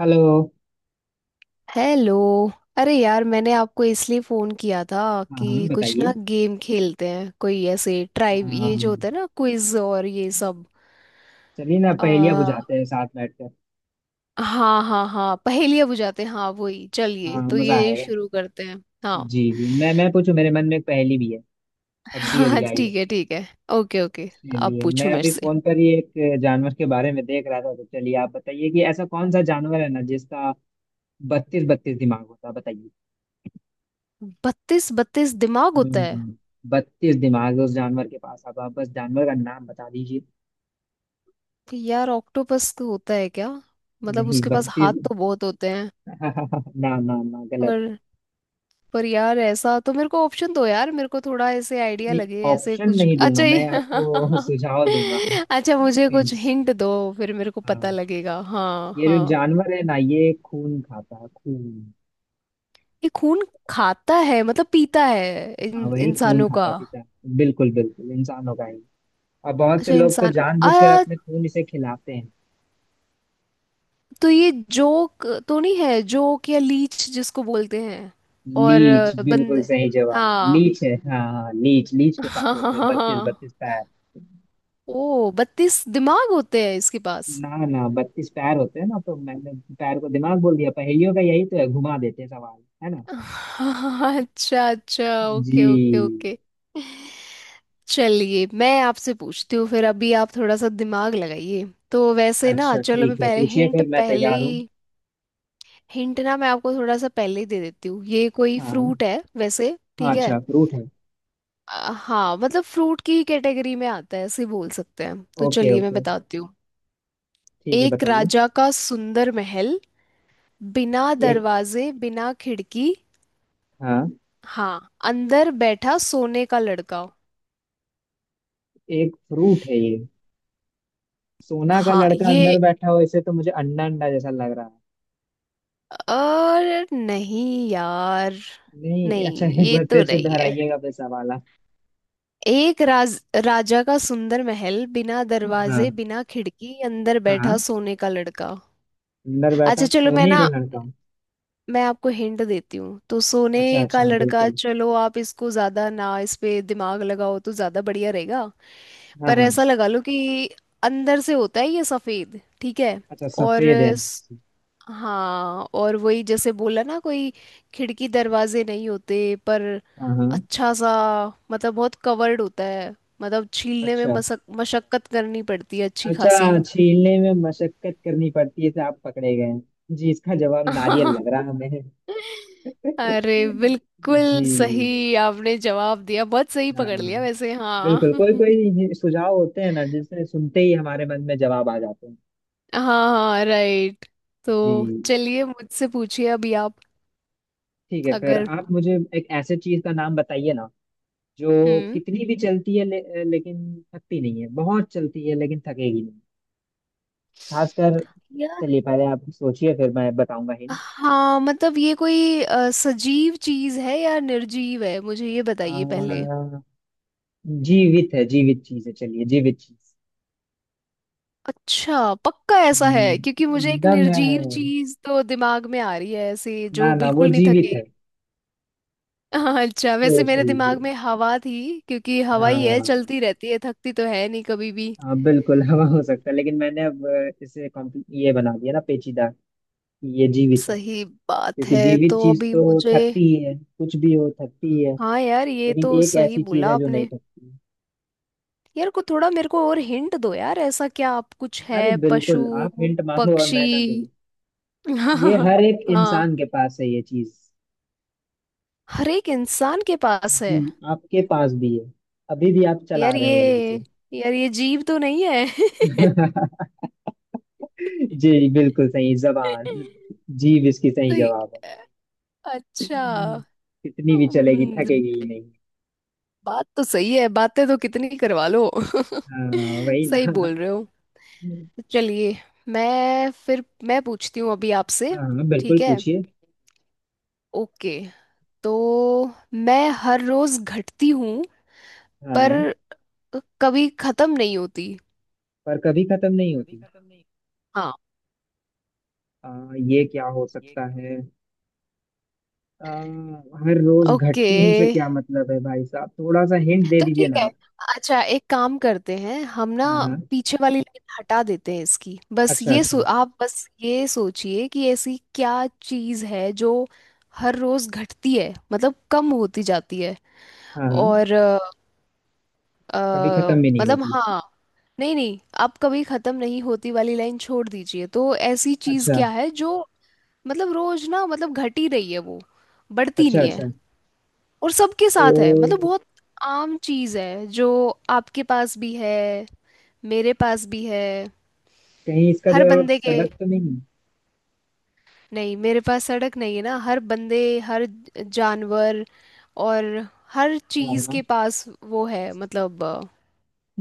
Hello. Hello. अरे यार मैंने आपको इसलिए फोन किया था हाँ हाँ, कि कुछ बताइए। ना गेम खेलते हैं, कोई ऐसे ट्राइव, ये जो हाँ, होता है ना, क्विज और ये सब। चलिए ना, पहेलियाँ आ, बुझाते हैं साथ बैठकर। हाँ हाँ हाँ, पहेलियाँ बुझाते हैं, हाँ वही, चलिए हाँ, तो मजा ये आएगा। शुरू करते हैं। हाँ। जी जी, मैं पूछूं, मेरे मन में एक पहेली भी है। अभी अभी हाँ आई है। ठीक है ठीक है। Okay okay. आप चलिए, पूछो मैं मेरे अभी से। फोन पर ही एक जानवर के बारे में देख रहा था, तो चलिए आप बताइए कि ऐसा कौन सा जानवर है ना जिसका 32 32 दिमाग होता है। बताइए। 32 32 दिमाग हाँ, होता है। 32 दिमाग है उस जानवर के पास। अब आप बस जानवर का नाम बता दीजिए। यार ऑक्टोपस का होता है क्या? मतलब नहीं उसके पास हाथ 32। तो बहुत होते हैं। ना ना ना, गलत। और पर यार ऐसा तो, मेरे को ऑप्शन दो यार, मेरे को थोड़ा ऐसे आइडिया नहीं, लगे ऐसे ऑप्शन कुछ नहीं दूंगा अच्छा ये। मैं आपको। सुझाव दूंगा, अच्छा मुझे कुछ हिंट्स। हिंट दो, फिर मेरे को हाँ, पता लगेगा। हाँ ये जो हाँ, जानवर है ना, ये खून खाता है, खून। ये खून खाता है मतलब पीता है हाँ, वही खून इंसानों का? खाता पीता है। बिल्कुल बिल्कुल इंसानों का ही। और बहुत से अच्छा लोग तो इंसान। आ जानबूझकर अपने खून इसे खिलाते हैं। तो ये जोक तो नहीं है, जोक या लीच जिसको बोलते हैं। और लीच बिल्कुल बंद। सही जवाब। हाँ। लीच है, हाँ हाँ। लीच लीच के पास हाँ हाँ होते हैं हाँ 32 32 हाँ। पैर। ओ बत्तीस दिमाग होते हैं इसके पास। ना ना, 32 पैर होते हैं ना, तो मैंने पैर को दिमाग बोल दिया। पहेलियों का यही तो है, घुमा देते हैं सवाल, है ना। अच्छा अच्छा, जी। Okay okay okay. चलिए मैं आपसे पूछती हूँ, फिर अभी आप थोड़ा सा दिमाग लगाइए। तो वैसे ना, अच्छा चलो मैं ठीक है, पहले पूछिए, हिंट फिर मैं पहले तैयार हूँ। ही, हिंट ना मैं आपको थोड़ा सा पहले ही दे देती हूँ। ये कोई हाँ फ्रूट है वैसे, हाँ, ठीक है। अच्छा फ्रूट है। हाँ मतलब फ्रूट की कैटेगरी में आता है ऐसे बोल सकते हैं। तो ओके चलिए मैं ओके, बताती हूँ। ठीक है, एक बताइए। राजा का सुंदर महल, बिना एक। दरवाजे बिना खिड़की। हाँ, हाँ। अंदर बैठा सोने का लड़का। एक फ्रूट है ये? सोना का हाँ लड़का ये। अंदर बैठा हो इसे, तो मुझे अंडा अंडा जैसा लग रहा है। और नहीं यार, नहीं अच्छा, नहीं एक ये बार तो फिर से नहीं है। दोहराइएगा फिर सवाल आप। एक राज राजा का सुंदर महल, बिना हाँ दरवाजे बिना खिड़की, अंदर बैठा हाँ, सोने का लड़का। अंदर बैठा अच्छा चलो मैं सोने ना, का लड़का। मैं आपको हिंट देती हूँ। तो सोने अच्छा का अच्छा, लड़का, बिल्कुल। चलो आप इसको ज्यादा ना इस पे दिमाग लगाओ तो ज्यादा बढ़िया रहेगा। हाँ पर हाँ, ऐसा लगा लो कि अंदर से होता है ये सफेद, ठीक है। अच्छा और सफेद है अंदर से। हाँ, और वही जैसे बोला ना, कोई खिड़की दरवाजे नहीं होते, पर हाँ हाँ, अच्छा सा, मतलब बहुत कवर्ड होता है, मतलब छीलने में अच्छा मशक्कत करनी पड़ती है अच्छी अच्छा, खासी। छीलने में मशक्कत करनी पड़ती है तो आप पकड़े गए हैं। जी, इसका जवाब नारियल लग रहा है हमें। अरे बिल्कुल जी, सही आपने जवाब दिया, बहुत सही हाँ, पकड़ लिया वैसे। हाँ। बिल्कुल। कोई कोई सुझाव होते हैं ना जिसे सुनते ही हमारे मन में जवाब आ जाते हैं। हाँ हाँ राइट। तो जी चलिए मुझसे पूछिए अभी आप। ठीक है, फिर अगर। आप मुझे एक ऐसे चीज का नाम बताइए ना जो हम्म कितनी भी चलती है लेकिन थकती नहीं है। बहुत चलती है लेकिन थकेगी नहीं। खासकर, चलिए पहले आप सोचिए, फिर मैं बताऊंगा हिंट। हाँ मतलब ये कोई सजीव चीज है या निर्जीव है, मुझे ये आ, बताइए पहले। जीवित है, जीवित चीज है, चलिए जीवित चीज। अच्छा पक्का ऐसा है? हम्म, क्योंकि मुझे एक एकदम है। निर्जीव चीज तो दिमाग में आ रही है ऐसे जो ना ना, वो बिल्कुल नहीं जीवित थके। है, हाँ, अच्छा वैसे सोच मेरे दिमाग लीजिए। में हवा थी, क्योंकि हवा ही है, हाँ चलती रहती है, थकती तो है नहीं कभी भी। हाँ बिल्कुल। हवा हो सकता है, लेकिन मैंने अब इसे ये बना दिया ना, पेचीदा, कि ये जीवित है। सही बात क्योंकि है। जीवित तो चीज अभी तो मुझे, थकती ही है, कुछ भी हो थकती ही है। हाँ यार ये लेकिन तो एक सही ऐसी चीज बोला है जो नहीं आपने। थकती। यार को थोड़ा मेरे को और हिंट दो यार, ऐसा क्या आप, कुछ अरे है पशु बिल्कुल, आप हिंट मांगो और पक्षी? मैं ना दूं? ये हाँ हर एक हाँ, इंसान के पास है ये चीज। हर एक इंसान के पास है। जी, आपके पास भी है। अभी भी आप चला यार रहे ये, होगे उसे। यार ये जीव तो नहीं है। जी बिल्कुल सही, जबान, जीव इसकी सही तो ये- जवाब है। अच्छा। कितनी भी चलेगी, हम्म, थकेगी ही नहीं। बात तो सही है, बातें तो कितनी करवा लो। हाँ, वही ना। सही बोल रहे हो। चलिए मैं, फिर मैं पूछती हूँ अभी आपसे। हाँ बिल्कुल, ठीक है। पूछिए। ओके। तो मैं हर रोज घटती हूँ हाँ पर हाँ, कभी खत्म नहीं होती। पर कभी खत्म नहीं होती। हाँ। आ, ये क्या हो सकता है? आ, हर रोज ओके घटती हमसे, क्या मतलब है? भाई साहब थोड़ा सा हिंट दे तो दीजिए ठीक ना है, आप। अच्छा एक काम करते हैं हम ना। हाँ हाँ। पीछे वाली लाइन हटा देते हैं इसकी, बस अच्छा अच्छा। आप बस ये सोचिए कि ऐसी क्या चीज़ है जो हर रोज घटती है, मतलब कम होती जाती है। हाँ हाँ, और अ, कभी खत्म भी नहीं मतलब होती। हाँ। नहीं नहीं, आप कभी खत्म नहीं होती वाली लाइन छोड़ दीजिए। तो ऐसी चीज़ अच्छा क्या है जो, मतलब रोज ना, मतलब घट ही रही है वो, बढ़ती अच्छा। नहीं है, अच्छा, और सबके साथ है, मतलब तो बहुत आम चीज है जो आपके पास भी है, मेरे पास भी है, कहीं इसका हर जवाब बंदे के। सड़क तो नहीं? नहीं मेरे पास सड़क नहीं है ना, हर बंदे, हर जानवर और हर हाँ चीज हाँ। के पास वो है मतलब।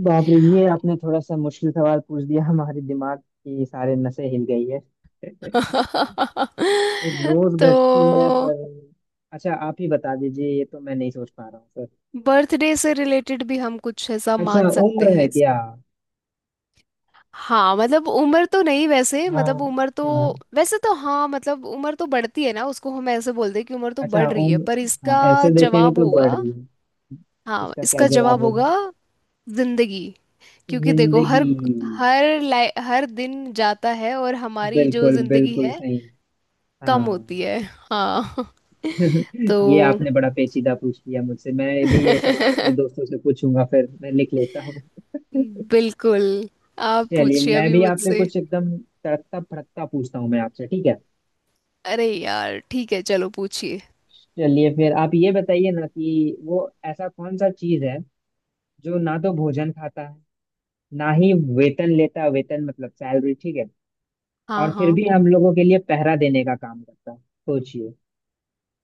बाप रे, ये आपने थोड़ा सा मुश्किल सवाल पूछ दिया, हमारे दिमाग की सारे नसें हिल गई है। रोज तो घटती है पर, अच्छा आप ही बता दीजिए, ये तो मैं नहीं सोच पा रहा हूँ सर। बर्थडे से रिलेटेड भी हम कुछ ऐसा अच्छा मान सकते उम्र है हैं। क्या? हाँ मतलब उम्र तो नहीं, वैसे हाँ मतलब उम्र तो, हाँ। वैसे तो हाँ, मतलब उम्र तो बढ़ती है ना उसको, हम ऐसे बोलते हैं कि उम्र तो अच्छा बढ़ रही है। उम्र, पर हाँ, इसका ऐसे देखेंगे जवाब तो बढ़ होगा, रही है। हाँ इसका क्या इसका जवाब जवाब होगा? होगा जिंदगी। क्योंकि देखो जिंदगी। हर, हर लाइ हर दिन जाता है और हमारी जो बिल्कुल जिंदगी बिल्कुल है सही। हाँ। कम होती है। हाँ। तो ये आपने बड़ा पेचीदा पूछ लिया मुझसे। मैं भी ये सवाल अपने दोस्तों से पूछूंगा, फिर मैं लिख लेता हूँ। बिल्कुल, आप चलिए, पूछिए मैं अभी भी आपसे मुझसे। कुछ एकदम तड़कता फड़कता पूछता हूँ, मैं आपसे, ठीक है। अरे यार ठीक है चलो पूछिए। चलिए, फिर आप ये बताइए ना कि वो ऐसा कौन सा चीज है जो ना तो भोजन खाता है, ना ही वेतन लेता है, वेतन मतलब सैलरी, ठीक है। हाँ और फिर हाँ। भी हम लोगों के लिए पहरा देने का काम करता है। सोचिए,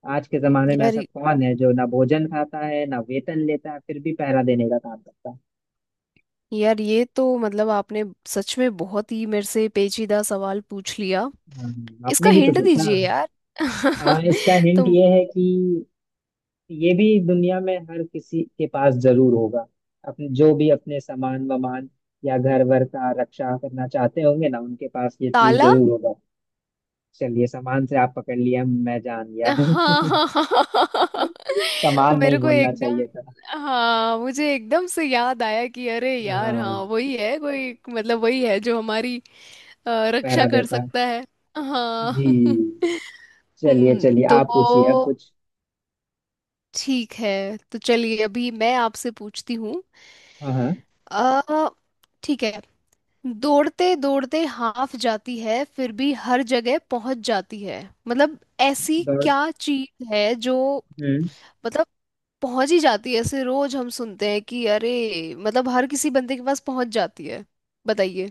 आज के जमाने में यार ऐसा कौन है जो ना भोजन खाता है, ना वेतन लेता है, फिर भी पहरा देने का काम करता है। यार ये तो मतलब आपने सच में बहुत ही मेरे से पेचीदा सवाल पूछ लिया। हाँ, इसका आपने भी तो हिंट पूछा। दीजिए यार। हाँ, इसका हिंट तुम। ये है कि ये भी दुनिया में हर किसी के पास जरूर होगा। अपने जो भी अपने सामान वामान या घर वर का रक्षा करना चाहते होंगे ना, उनके पास ये चीज ताला। जरूर होगा। चलिए, सामान से आप पकड़ लिया, मैं जान गया। हाँ हाँ हाँ। सामान मेरे नहीं को बोलना एकदम, चाहिए था। हाँ मुझे एकदम से याद आया कि अरे यार हाँ हाँ, वही है, कोई मतलब वही है जो हमारी रक्षा पहरा कर देता है। सकता है। हाँ। जी, चलिए चलिए, तो आप पूछिए अब कुछ। ठीक है। तो चलिए अभी मैं आपसे पूछती हूँ। हाँ हाँ। अ, ठीक है। दौड़ते दौड़ते हाफ जाती है फिर भी हर जगह पहुंच जाती है। मतलब ऐसी दौड़ क्या चीज है जो, हम्म मतलब पहुंच ही जाती है, ऐसे रोज हम सुनते हैं कि अरे मतलब हर किसी बंदे के पास पहुंच जाती है। बताइए।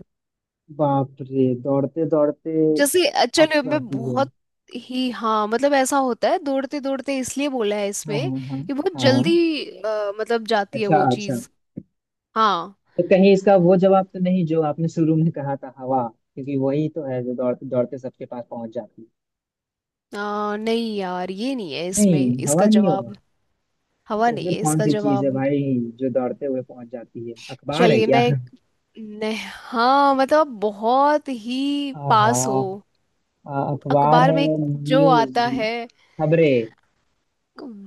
बाप रे, दौड़ते दौड़ते, जैसे अब चलो, मैं जाती है। बहुत ही हाँ मतलब ऐसा होता है, दौड़ते दौड़ते इसलिए बोला है हाँ इसमें हाँ हाँ कि बहुत हाँ, हाँ। जल्दी मतलब जाती है अच्छा वो अच्छा, चीज। हाँ। तो कहीं इसका वो जवाब तो नहीं जो आपने शुरू में कहा था, हवा? क्योंकि वही तो है जो दौड़ते दौड़ते सबके पास पहुंच जाती है। नहीं यार, ये नहीं है नहीं, इसमें हवा इसका नहीं होगा। जवाब, हवा तो नहीं फिर है कौन इसका सी चीज है जवाब। भाई जो दौड़ते हुए पहुंच जाती है, अखबार है चलिए क्या? मैं, नहीं हाँ मतलब आप बहुत ही आहा। पास हो। अखबार अखबार है, में जो न्यूज, आता है। खबरें।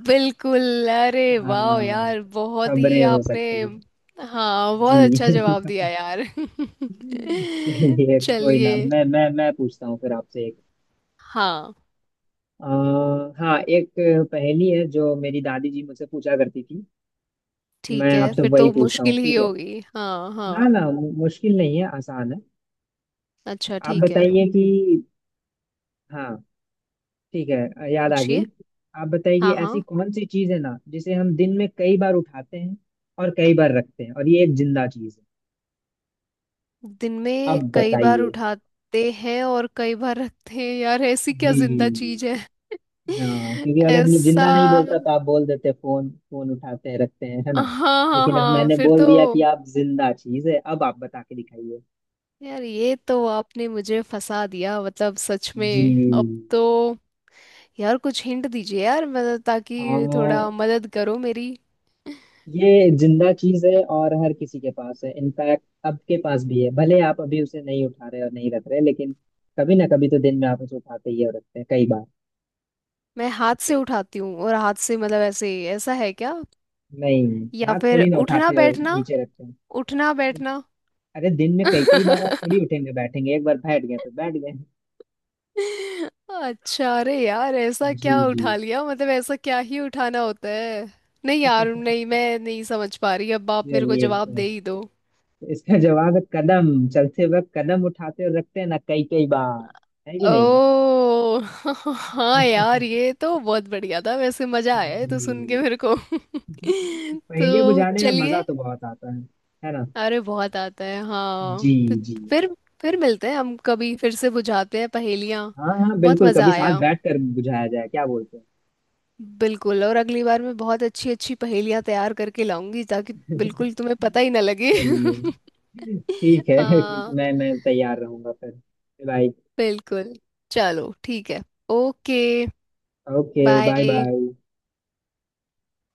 बिल्कुल, अरे हाँ, वाह यार बहुत ही खबरें हो आपने, सकती हैं। हाँ जी। बहुत अच्छा जवाब दिया यार। चलिए कोई चलिए। ना, मैं पूछता हूँ फिर आपसे एक, हाँ। आ, हाँ, एक पहेली है जो मेरी दादी जी मुझसे पूछा करती थी। ठीक मैं है, आपसे फिर वही तो पूछता हूँ, मुश्किल ही ठीक है? होगी। हाँ ना हाँ, ना, मुश्किल नहीं है, आसान है। अच्छा आप ठीक है बताइए कि, हाँ ठीक है, याद आ गई। पूछिए। आप बताइए कि हाँ ऐसी हाँ, कौन सी चीज है ना जिसे हम दिन में कई बार उठाते हैं और कई बार रखते हैं, और ये एक जिंदा चीज है। दिन में अब कई बार बताइए। उठाते हैं और कई बार रखते हैं यार, ऐसी क्या जिंदा जी, चीज है? हाँ, क्योंकि अगर ऐसा, जिंदा नहीं बोलता तो आप बोल देते फोन फोन उठाते हैं रखते हैं, है ना? हाँ हाँ लेकिन अब हाँ मैंने फिर बोल तो, दिया कि आप जिंदा चीज है, अब आप बता के दिखाइए। यार ये तो आपने मुझे फंसा दिया मतलब, सच में अब जी। तो, यार कुछ हिंट दीजिए यार, मतलब आ, ताकि थोड़ा मदद करो मेरी। ये जिंदा चीज है और हर किसी के पास है, इनफैक्ट आपके पास भी है, भले आप अभी उसे नहीं उठा रहे और नहीं रख रहे, लेकिन कभी ना कभी तो दिन में आप उसे उठाते ही हैं और रखते हैं कई बार। मैं हाथ से उठाती हूँ और हाथ से मतलब ऐसे, ऐसा है क्या? नहीं, या हाथ फिर थोड़ी ना उठना उठाते और बैठना, नीचे रखते हैं। उठना बैठना? अरे दिन में कई कई बार आप थोड़ी उठेंगे बैठेंगे? एक बार बैठ गए तो बैठ गए। अच्छा अरे यार ऐसा जी क्या जी। उठा लिया, मतलब ऐसा क्या ही उठाना होता है। नहीं यार नहीं, मैं नहीं समझ पा रही, अब आप मेरे को चलिए जवाब दे तो, ही दो। इसका जवाब है कदम। चलते वक्त कदम उठाते और रखते हैं ना कई कई बार, है कि नहीं? ओ। हाँ यार ये तो बहुत बढ़िया था वैसे, मजा आया है जी, तो सुन के मेरे को। पहेलियां तो बुझाने में मजा चलिए। तो बहुत आता है ना? अरे बहुत आता है हाँ जी तो, जी। फिर फिर मिलते हैं हम, कभी फिर से बुझाते हैं पहेलियाँ। हाँ हाँ बहुत बिल्कुल, मजा कभी साथ आया। बैठ कर बुझाया जाए, क्या बोलते हैं। बिल्कुल और अगली बार मैं बहुत अच्छी अच्छी पहेलियाँ तैयार करके लाऊंगी, ताकि बिल्कुल तुम्हें पता ही ना लगे। चलिए, ठीक है। हाँ मैं तैयार रहूंगा फिर। बाय। बिल्कुल। चलो ठीक है। Okay okay, bye bye. Bye.